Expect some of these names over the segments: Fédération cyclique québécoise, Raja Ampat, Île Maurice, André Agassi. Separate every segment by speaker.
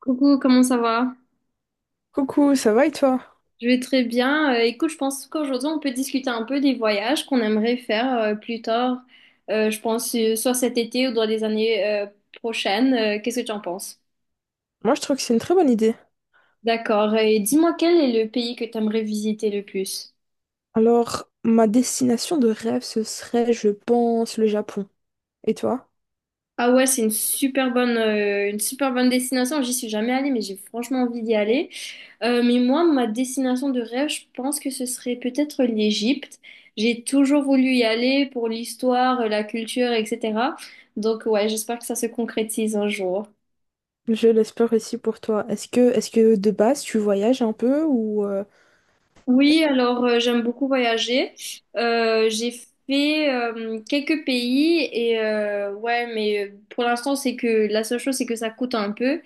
Speaker 1: Coucou, comment ça va?
Speaker 2: Coucou, ça va et toi?
Speaker 1: Je vais très bien. Écoute, je pense qu'aujourd'hui, on peut discuter un peu des voyages qu'on aimerait faire plus tard. Je pense soit cet été ou dans les années prochaines. Qu'est-ce que tu en penses?
Speaker 2: Moi, je trouve que c'est une très bonne idée.
Speaker 1: D'accord. Et dis-moi, quel est le pays que tu aimerais visiter le plus?
Speaker 2: Alors, ma destination de rêve, ce serait, je pense, le Japon. Et toi?
Speaker 1: Ah ouais, c'est une super bonne destination. J'y suis jamais allée, mais j'ai franchement envie d'y aller. Mais moi, ma destination de rêve, je pense que ce serait peut-être l'Égypte. J'ai toujours voulu y aller pour l'histoire, la culture, etc. Donc ouais, j'espère que ça se concrétise un jour.
Speaker 2: Je l'espère aussi pour toi. Est-ce que de base, tu voyages un peu ou...
Speaker 1: Oui, alors j'aime beaucoup voyager. J'ai fait quelques pays et ouais, mais pour l'instant c'est que la seule chose c'est que ça coûte un peu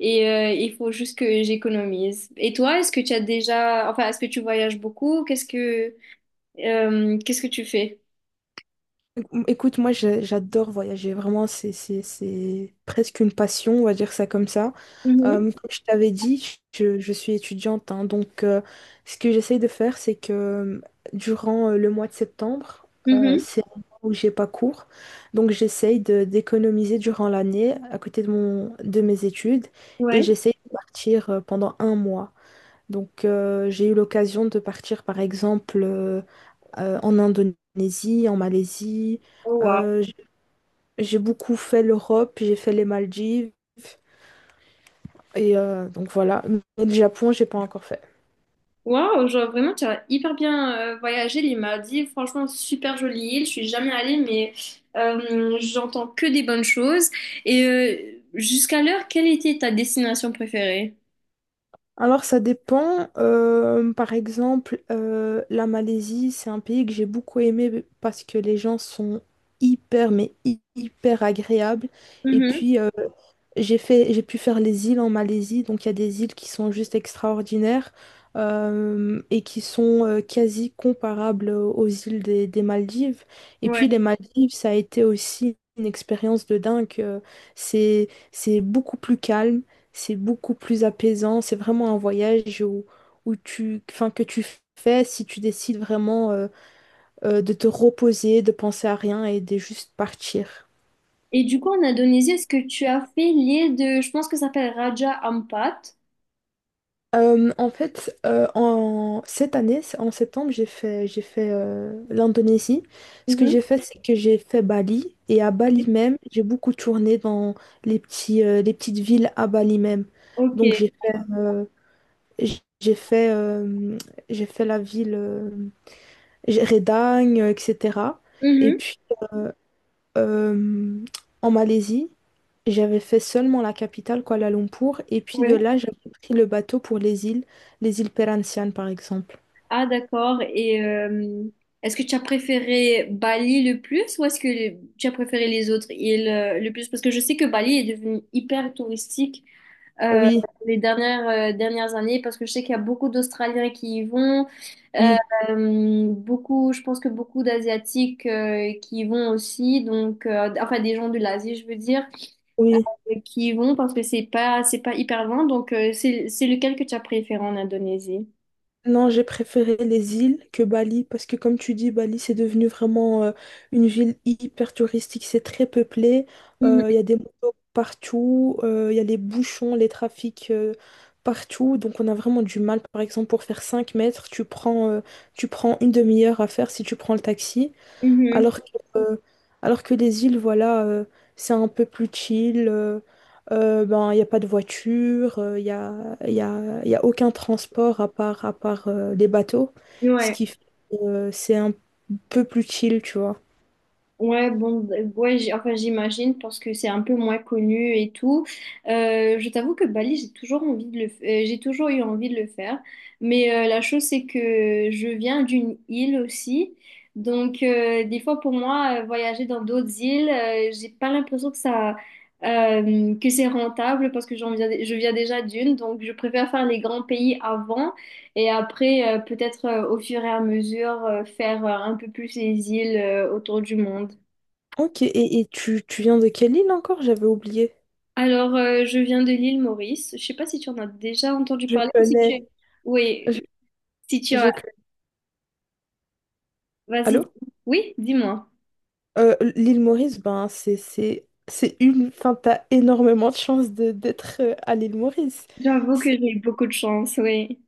Speaker 1: et il faut juste que j'économise. Et toi, est-ce que tu as déjà, enfin, est-ce que tu voyages beaucoup? Qu'est-ce que tu fais?
Speaker 2: Écoute, moi j'adore voyager, vraiment c'est presque une passion, on va dire ça comme ça.
Speaker 1: Mhm,
Speaker 2: Comme je t'avais dit, je suis étudiante, hein, donc ce que j'essaye de faire, c'est que durant le mois de septembre,
Speaker 1: mhm,
Speaker 2: c'est un mois où j'ai pas cours, donc d'économiser durant l'année à côté de, mon, de mes études et
Speaker 1: ouais.
Speaker 2: j'essaye de partir pendant un mois. Donc j'ai eu l'occasion de partir par exemple en Indonésie, en Malaisie.
Speaker 1: Oh, wow.
Speaker 2: Euh, j- j'ai beaucoup fait l'Europe, j'ai fait les Maldives. Et donc voilà, mais le Japon, j'ai pas encore fait.
Speaker 1: Waouh, genre vraiment, tu as hyper bien voyagé les Maldives. Franchement, super jolie île. Je suis jamais allée, mais j'entends que des bonnes choses. Et jusqu'à l'heure, quelle était ta destination préférée?
Speaker 2: Alors ça dépend. Par exemple, la Malaisie, c'est un pays que j'ai beaucoup aimé parce que les gens sont hyper, mais hyper agréables. Et
Speaker 1: Mhm,
Speaker 2: puis j'ai pu faire les îles en Malaisie, donc il y a des îles qui sont juste extraordinaires et qui sont quasi comparables aux îles des Maldives. Et puis
Speaker 1: ouais.
Speaker 2: les Maldives, ça a été aussi une expérience de dingue. C'est beaucoup plus calme, c'est beaucoup plus apaisant. C'est vraiment un voyage où tu, enfin, que tu fais si tu décides vraiment de te reposer, de penser à rien et de juste partir.
Speaker 1: Et du coup, en Indonésie, est-ce que tu as fait l'île de, je pense que ça s'appelle Raja Ampat?
Speaker 2: En fait, en cette année, c'est- en septembre, j'ai fait l'Indonésie. Ce que
Speaker 1: Mhm.
Speaker 2: j'ai fait, c'est que j'ai fait Bali. Et à Bali même, j'ai beaucoup tourné dans les petites villes à Bali même.
Speaker 1: Ok.
Speaker 2: Donc j- j'ai fait, euh, j'ai fait la ville Redang, etc. Et
Speaker 1: Mhm.
Speaker 2: puis euh, en Malaisie. J'avais fait seulement la capitale, Kuala Lumpur, et puis de
Speaker 1: Ouais.
Speaker 2: là, j'avais pris le bateau pour les îles Perhentian, par exemple.
Speaker 1: Ah, d'accord. Et est-ce que tu as préféré Bali le plus ou est-ce que tu as préféré les autres îles le plus? Parce que je sais que Bali est devenu hyper touristique euh,
Speaker 2: Oui,
Speaker 1: les dernières années parce que je sais qu'il y a beaucoup d'Australiens qui y vont, euh,
Speaker 2: oui,
Speaker 1: beaucoup, je pense que beaucoup d'Asiatiques qui y vont aussi, donc enfin des gens de l'Asie, je veux dire,
Speaker 2: oui.
Speaker 1: qui y vont parce que c'est pas hyper loin. Donc c'est lequel que tu as préféré en Indonésie?
Speaker 2: Non, j'ai préféré les îles que Bali parce que comme tu dis, Bali c'est devenu vraiment une ville hyper touristique, c'est très peuplé,
Speaker 1: Mhm,
Speaker 2: il y a des motos partout, il y a les bouchons, les trafics partout, donc on a vraiment du mal. Par exemple, pour faire 5 mètres, tu prends une demi-heure à faire si tu prends le taxi.
Speaker 1: mhm.
Speaker 2: Alors que, euh, alors que les îles, voilà, c'est un peu plus chill. Ben, il n'y a pas de voiture, il n'y a, y a, y a aucun transport à part les bateaux. Ce
Speaker 1: Ouais.
Speaker 2: qui fait que c'est un peu plus chill, tu vois.
Speaker 1: Ouais, bon, ouais, enfin, j'imagine parce que c'est un peu moins connu et tout. Je t'avoue que Bali, j'ai toujours eu envie de le faire. Mais la chose, c'est que je viens d'une île aussi. Donc, des fois, pour moi, voyager dans d'autres îles, j'ai pas l'impression que c'est rentable parce que j'en viens, je viens déjà d'une. Donc, je préfère faire les grands pays avant et après, peut-être au fur et à mesure, faire un peu plus les îles autour du monde.
Speaker 2: Ok, et tu viens de quelle île encore? J'avais oublié.
Speaker 1: Alors, je viens de l'île Maurice. Je ne sais pas si tu en as déjà entendu
Speaker 2: Je
Speaker 1: parler, ou si tu.
Speaker 2: connais. Je,
Speaker 1: Oui, si tu as.
Speaker 2: je connais.
Speaker 1: Vas-y.
Speaker 2: Allô?
Speaker 1: Oui, dis-moi.
Speaker 2: L'île Maurice, ben, c'est une. Enfin, t'as énormément de chance d'être à l'île Maurice.
Speaker 1: J'avoue que j'ai eu beaucoup de chance, oui.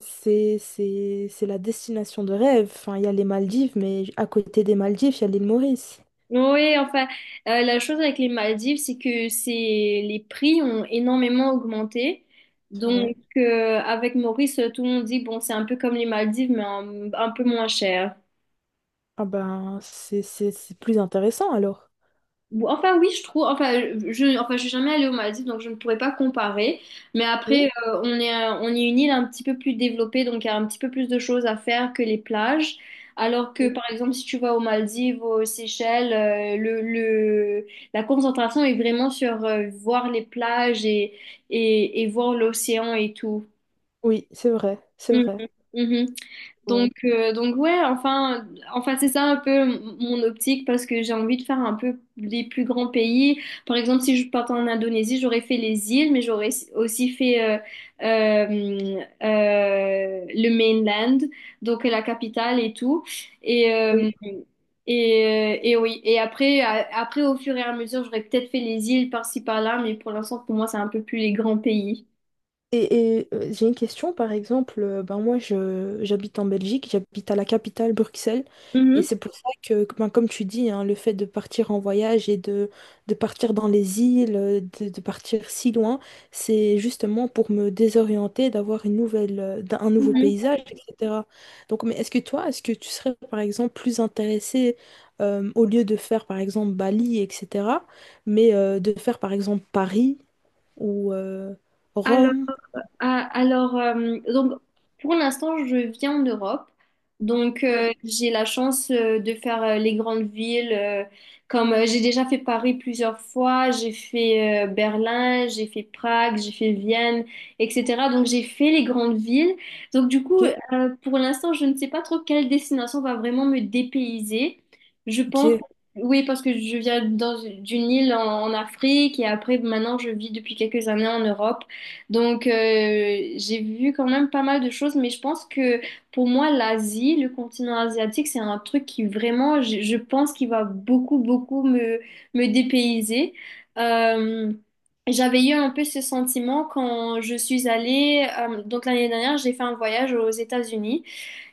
Speaker 2: C'est la destination de rêve. Enfin, il y a les Maldives, mais à côté des Maldives, il y a l'île Maurice.
Speaker 1: Oui, enfin, la chose avec les Maldives, c'est que c'est les prix ont énormément augmenté.
Speaker 2: C'est vrai.
Speaker 1: Donc, avec Maurice, tout le monde dit, bon, c'est un peu comme les Maldives, mais un peu moins cher.
Speaker 2: Ah ben, c'est plus intéressant alors.
Speaker 1: Enfin oui, je trouve. Enfin, je suis jamais allée aux Maldives, donc je ne pourrais pas comparer. Mais
Speaker 2: Oui,
Speaker 1: après, on est une île un petit peu plus développée, donc il y a un petit peu plus de choses à faire que les plages. Alors que,
Speaker 2: oui.
Speaker 1: par exemple, si tu vas aux Maldives, aux Seychelles, la concentration est vraiment sur voir les plages et, voir l'océan et tout.
Speaker 2: Oui, c'est vrai, c'est
Speaker 1: Mhm,
Speaker 2: vrai.
Speaker 1: mhm.
Speaker 2: Ouais.
Speaker 1: Donc ouais, enfin c'est ça un peu mon optique parce que j'ai envie de faire un peu les plus grands pays. Par exemple, si je partais en Indonésie, j'aurais fait les îles, mais j'aurais aussi fait le mainland, donc la capitale et tout. Et,
Speaker 2: Oui.
Speaker 1: euh, et, et oui, et après, après, au fur et à mesure, j'aurais peut-être fait les îles par-ci par-là, mais pour l'instant, pour moi, c'est un peu plus les grands pays.
Speaker 2: J'ai une question, par exemple, ben moi j'habite en Belgique, j'habite à la capitale Bruxelles, et
Speaker 1: Mhm,
Speaker 2: c'est pour ça que, ben, comme tu dis, hein, le fait de partir en voyage de partir dans les îles, de partir si loin, c'est justement pour me désorienter, d'avoir une nouvelle, un nouveau
Speaker 1: mhm.
Speaker 2: paysage, etc. Donc, mais est-ce que toi, est-ce que tu serais, par exemple, plus intéressé, au lieu de faire, par exemple, Bali, etc., mais de faire, par exemple, Paris ou Rome?
Speaker 1: Ah, alors, donc, pour l'instant, je vis en Europe. Donc, j'ai la chance de faire les grandes villes. Comme j'ai déjà fait Paris plusieurs fois, j'ai fait Berlin, j'ai fait Prague, j'ai fait Vienne, etc. Donc, j'ai fait les grandes villes. Donc, du coup,
Speaker 2: Ok?
Speaker 1: pour l'instant, je ne sais pas trop quelle destination va vraiment me dépayser. Je
Speaker 2: Ok.
Speaker 1: pense, oui, parce que je viens d'une île en Afrique et après, maintenant, je vis depuis quelques années en Europe. Donc, j'ai vu quand même pas mal de choses, mais je pense que pour moi, l'Asie, le continent asiatique, c'est un truc qui vraiment, je pense qu'il va beaucoup, beaucoup me dépayser. Euh, j'avais eu un peu ce sentiment quand je suis allée, donc l'année dernière, j'ai fait un voyage aux États-Unis.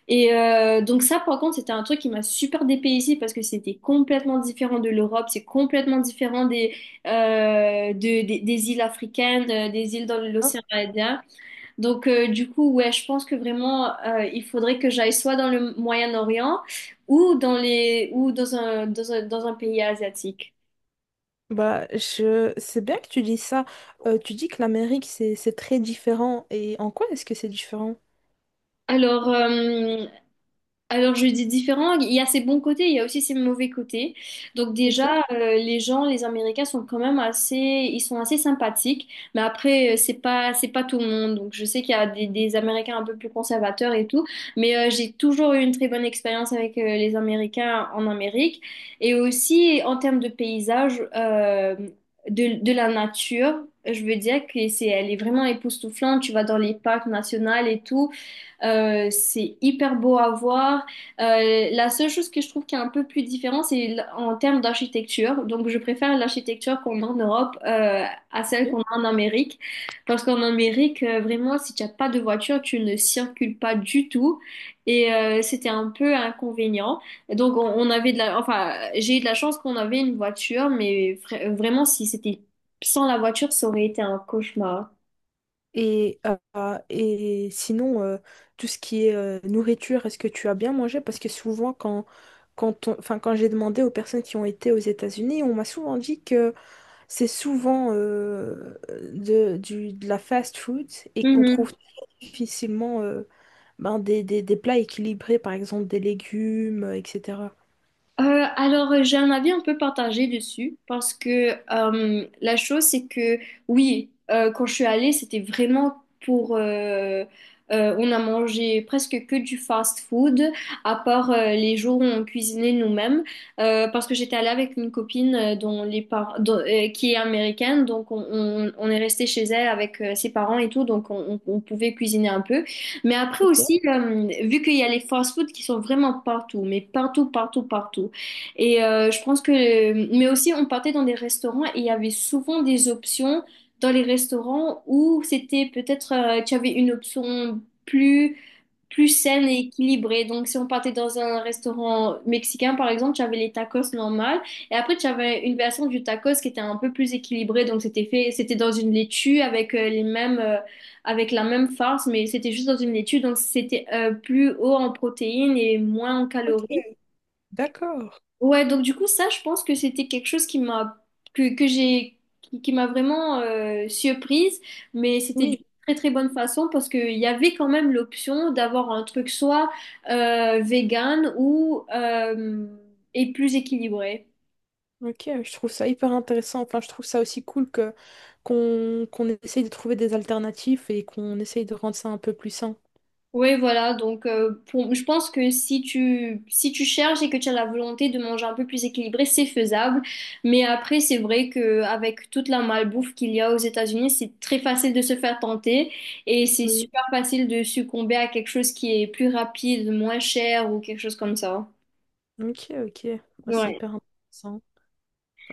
Speaker 1: Et donc ça, par contre, c'était un truc qui m'a super dépaysé parce que c'était complètement différent de l'Europe, c'est complètement différent des îles africaines, des îles dans
Speaker 2: Hein.
Speaker 1: l'océan Indien. Donc du coup, ouais, je pense que vraiment, il faudrait que j'aille soit dans le Moyen-Orient ou dans les, ou dans un, dans un, dans un pays asiatique.
Speaker 2: Bah, je... C'est bien que tu dis ça. Tu dis que l'Amérique, c'est très différent. Et en quoi est-ce que c'est différent?
Speaker 1: Alors, euh, Alors je dis différent, il y a ses bons côtés, il y a aussi ses mauvais côtés. Donc
Speaker 2: Ok.
Speaker 1: déjà, les gens, les Américains sont quand même assez, ils sont assez sympathiques. Mais après, c'est pas tout le monde. Donc je sais qu'il y a des Américains un peu plus conservateurs et tout. Mais j'ai toujours eu une très bonne expérience avec les Américains en Amérique. Et aussi en termes de paysage, de la nature. Je veux dire que elle est vraiment époustouflante. Tu vas dans les parcs nationaux et tout. C'est hyper beau à voir. La seule chose que je trouve qui est un peu plus différente, en termes d'architecture. Donc, je préfère l'architecture qu'on a en Europe à celle qu'on a en Amérique. Parce qu'en Amérique, vraiment, si tu n'as pas de voiture, tu ne circules pas du tout. Et c'était un peu inconvénient. Donc, on avait de la. Enfin, j'ai eu de la chance qu'on avait une voiture, mais vraiment, si c'était sans la voiture, ça aurait été un cauchemar.
Speaker 2: Et, et sinon, tout ce qui est nourriture, est-ce que tu as bien mangé? Parce que souvent, enfin, quand j'ai demandé aux personnes qui ont été aux États-Unis, on m'a souvent dit que c'est souvent de la fast food et qu'on trouve difficilement ben, des plats équilibrés, par exemple des légumes, etc.
Speaker 1: Alors, j'ai un avis un peu partagé dessus parce que la chose, c'est que oui, quand je suis allée, pour... euh, on a mangé presque que du fast-food, à part les jours où on cuisinait nous-mêmes, parce que j'étais allée avec une copine dont les par- dont- qui est américaine, donc on est resté chez elle avec ses parents et tout, donc on pouvait cuisiner un peu. Mais après aussi, vu qu'il y a les fast-food qui sont vraiment partout, mais partout, partout, partout. Et je pense que, mais aussi on partait dans des restaurants et il y avait souvent des options dans les restaurants où c'était peut-être tu avais une option plus plus saine et équilibrée. Donc si on partait dans un restaurant mexicain par exemple, tu avais les tacos normales et après tu avais une version du tacos qui était un peu plus équilibrée. Donc c'était dans une laitue avec la même farce, mais c'était juste dans une laitue. Donc c'était plus haut en protéines et moins en
Speaker 2: Ok,
Speaker 1: calories.
Speaker 2: d'accord.
Speaker 1: Ouais, donc du coup, ça, je pense que c'était quelque chose qui m'a que j'ai qui m'a vraiment surprise, mais c'était d'une
Speaker 2: Oui,
Speaker 1: très très bonne façon parce qu'il y avait quand même l'option d'avoir un truc soit vegan ou et plus équilibré.
Speaker 2: ok, je trouve ça hyper intéressant. Enfin, je trouve ça aussi cool que qu'on essaye de trouver des alternatives et qu'on essaye de rendre ça un peu plus sain.
Speaker 1: Oui, voilà. Donc, je pense que si tu cherches et que tu as la volonté de manger un peu plus équilibré, c'est faisable. Mais après, c'est vrai que avec toute la malbouffe qu'il y a aux États-Unis, c'est très facile de se faire tenter et c'est
Speaker 2: Oui.
Speaker 1: super facile de succomber à quelque chose qui est plus rapide, moins cher ou quelque chose comme ça.
Speaker 2: Ok, ok. Bah, c'est
Speaker 1: Ouais.
Speaker 2: hyper intéressant.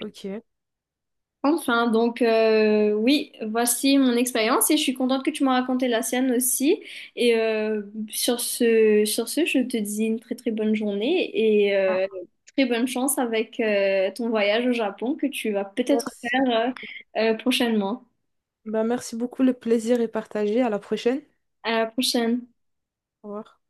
Speaker 2: Ok.
Speaker 1: Enfin, donc oui, voici mon expérience et je suis contente que tu m'as raconté la sienne aussi. Et sur ce, je te dis une très très bonne journée et
Speaker 2: Ah,
Speaker 1: très bonne chance avec ton voyage au Japon que tu vas peut-être
Speaker 2: merci.
Speaker 1: faire prochainement.
Speaker 2: Bah, merci beaucoup, le plaisir est partagé. À la prochaine.
Speaker 1: À la prochaine.
Speaker 2: Au revoir.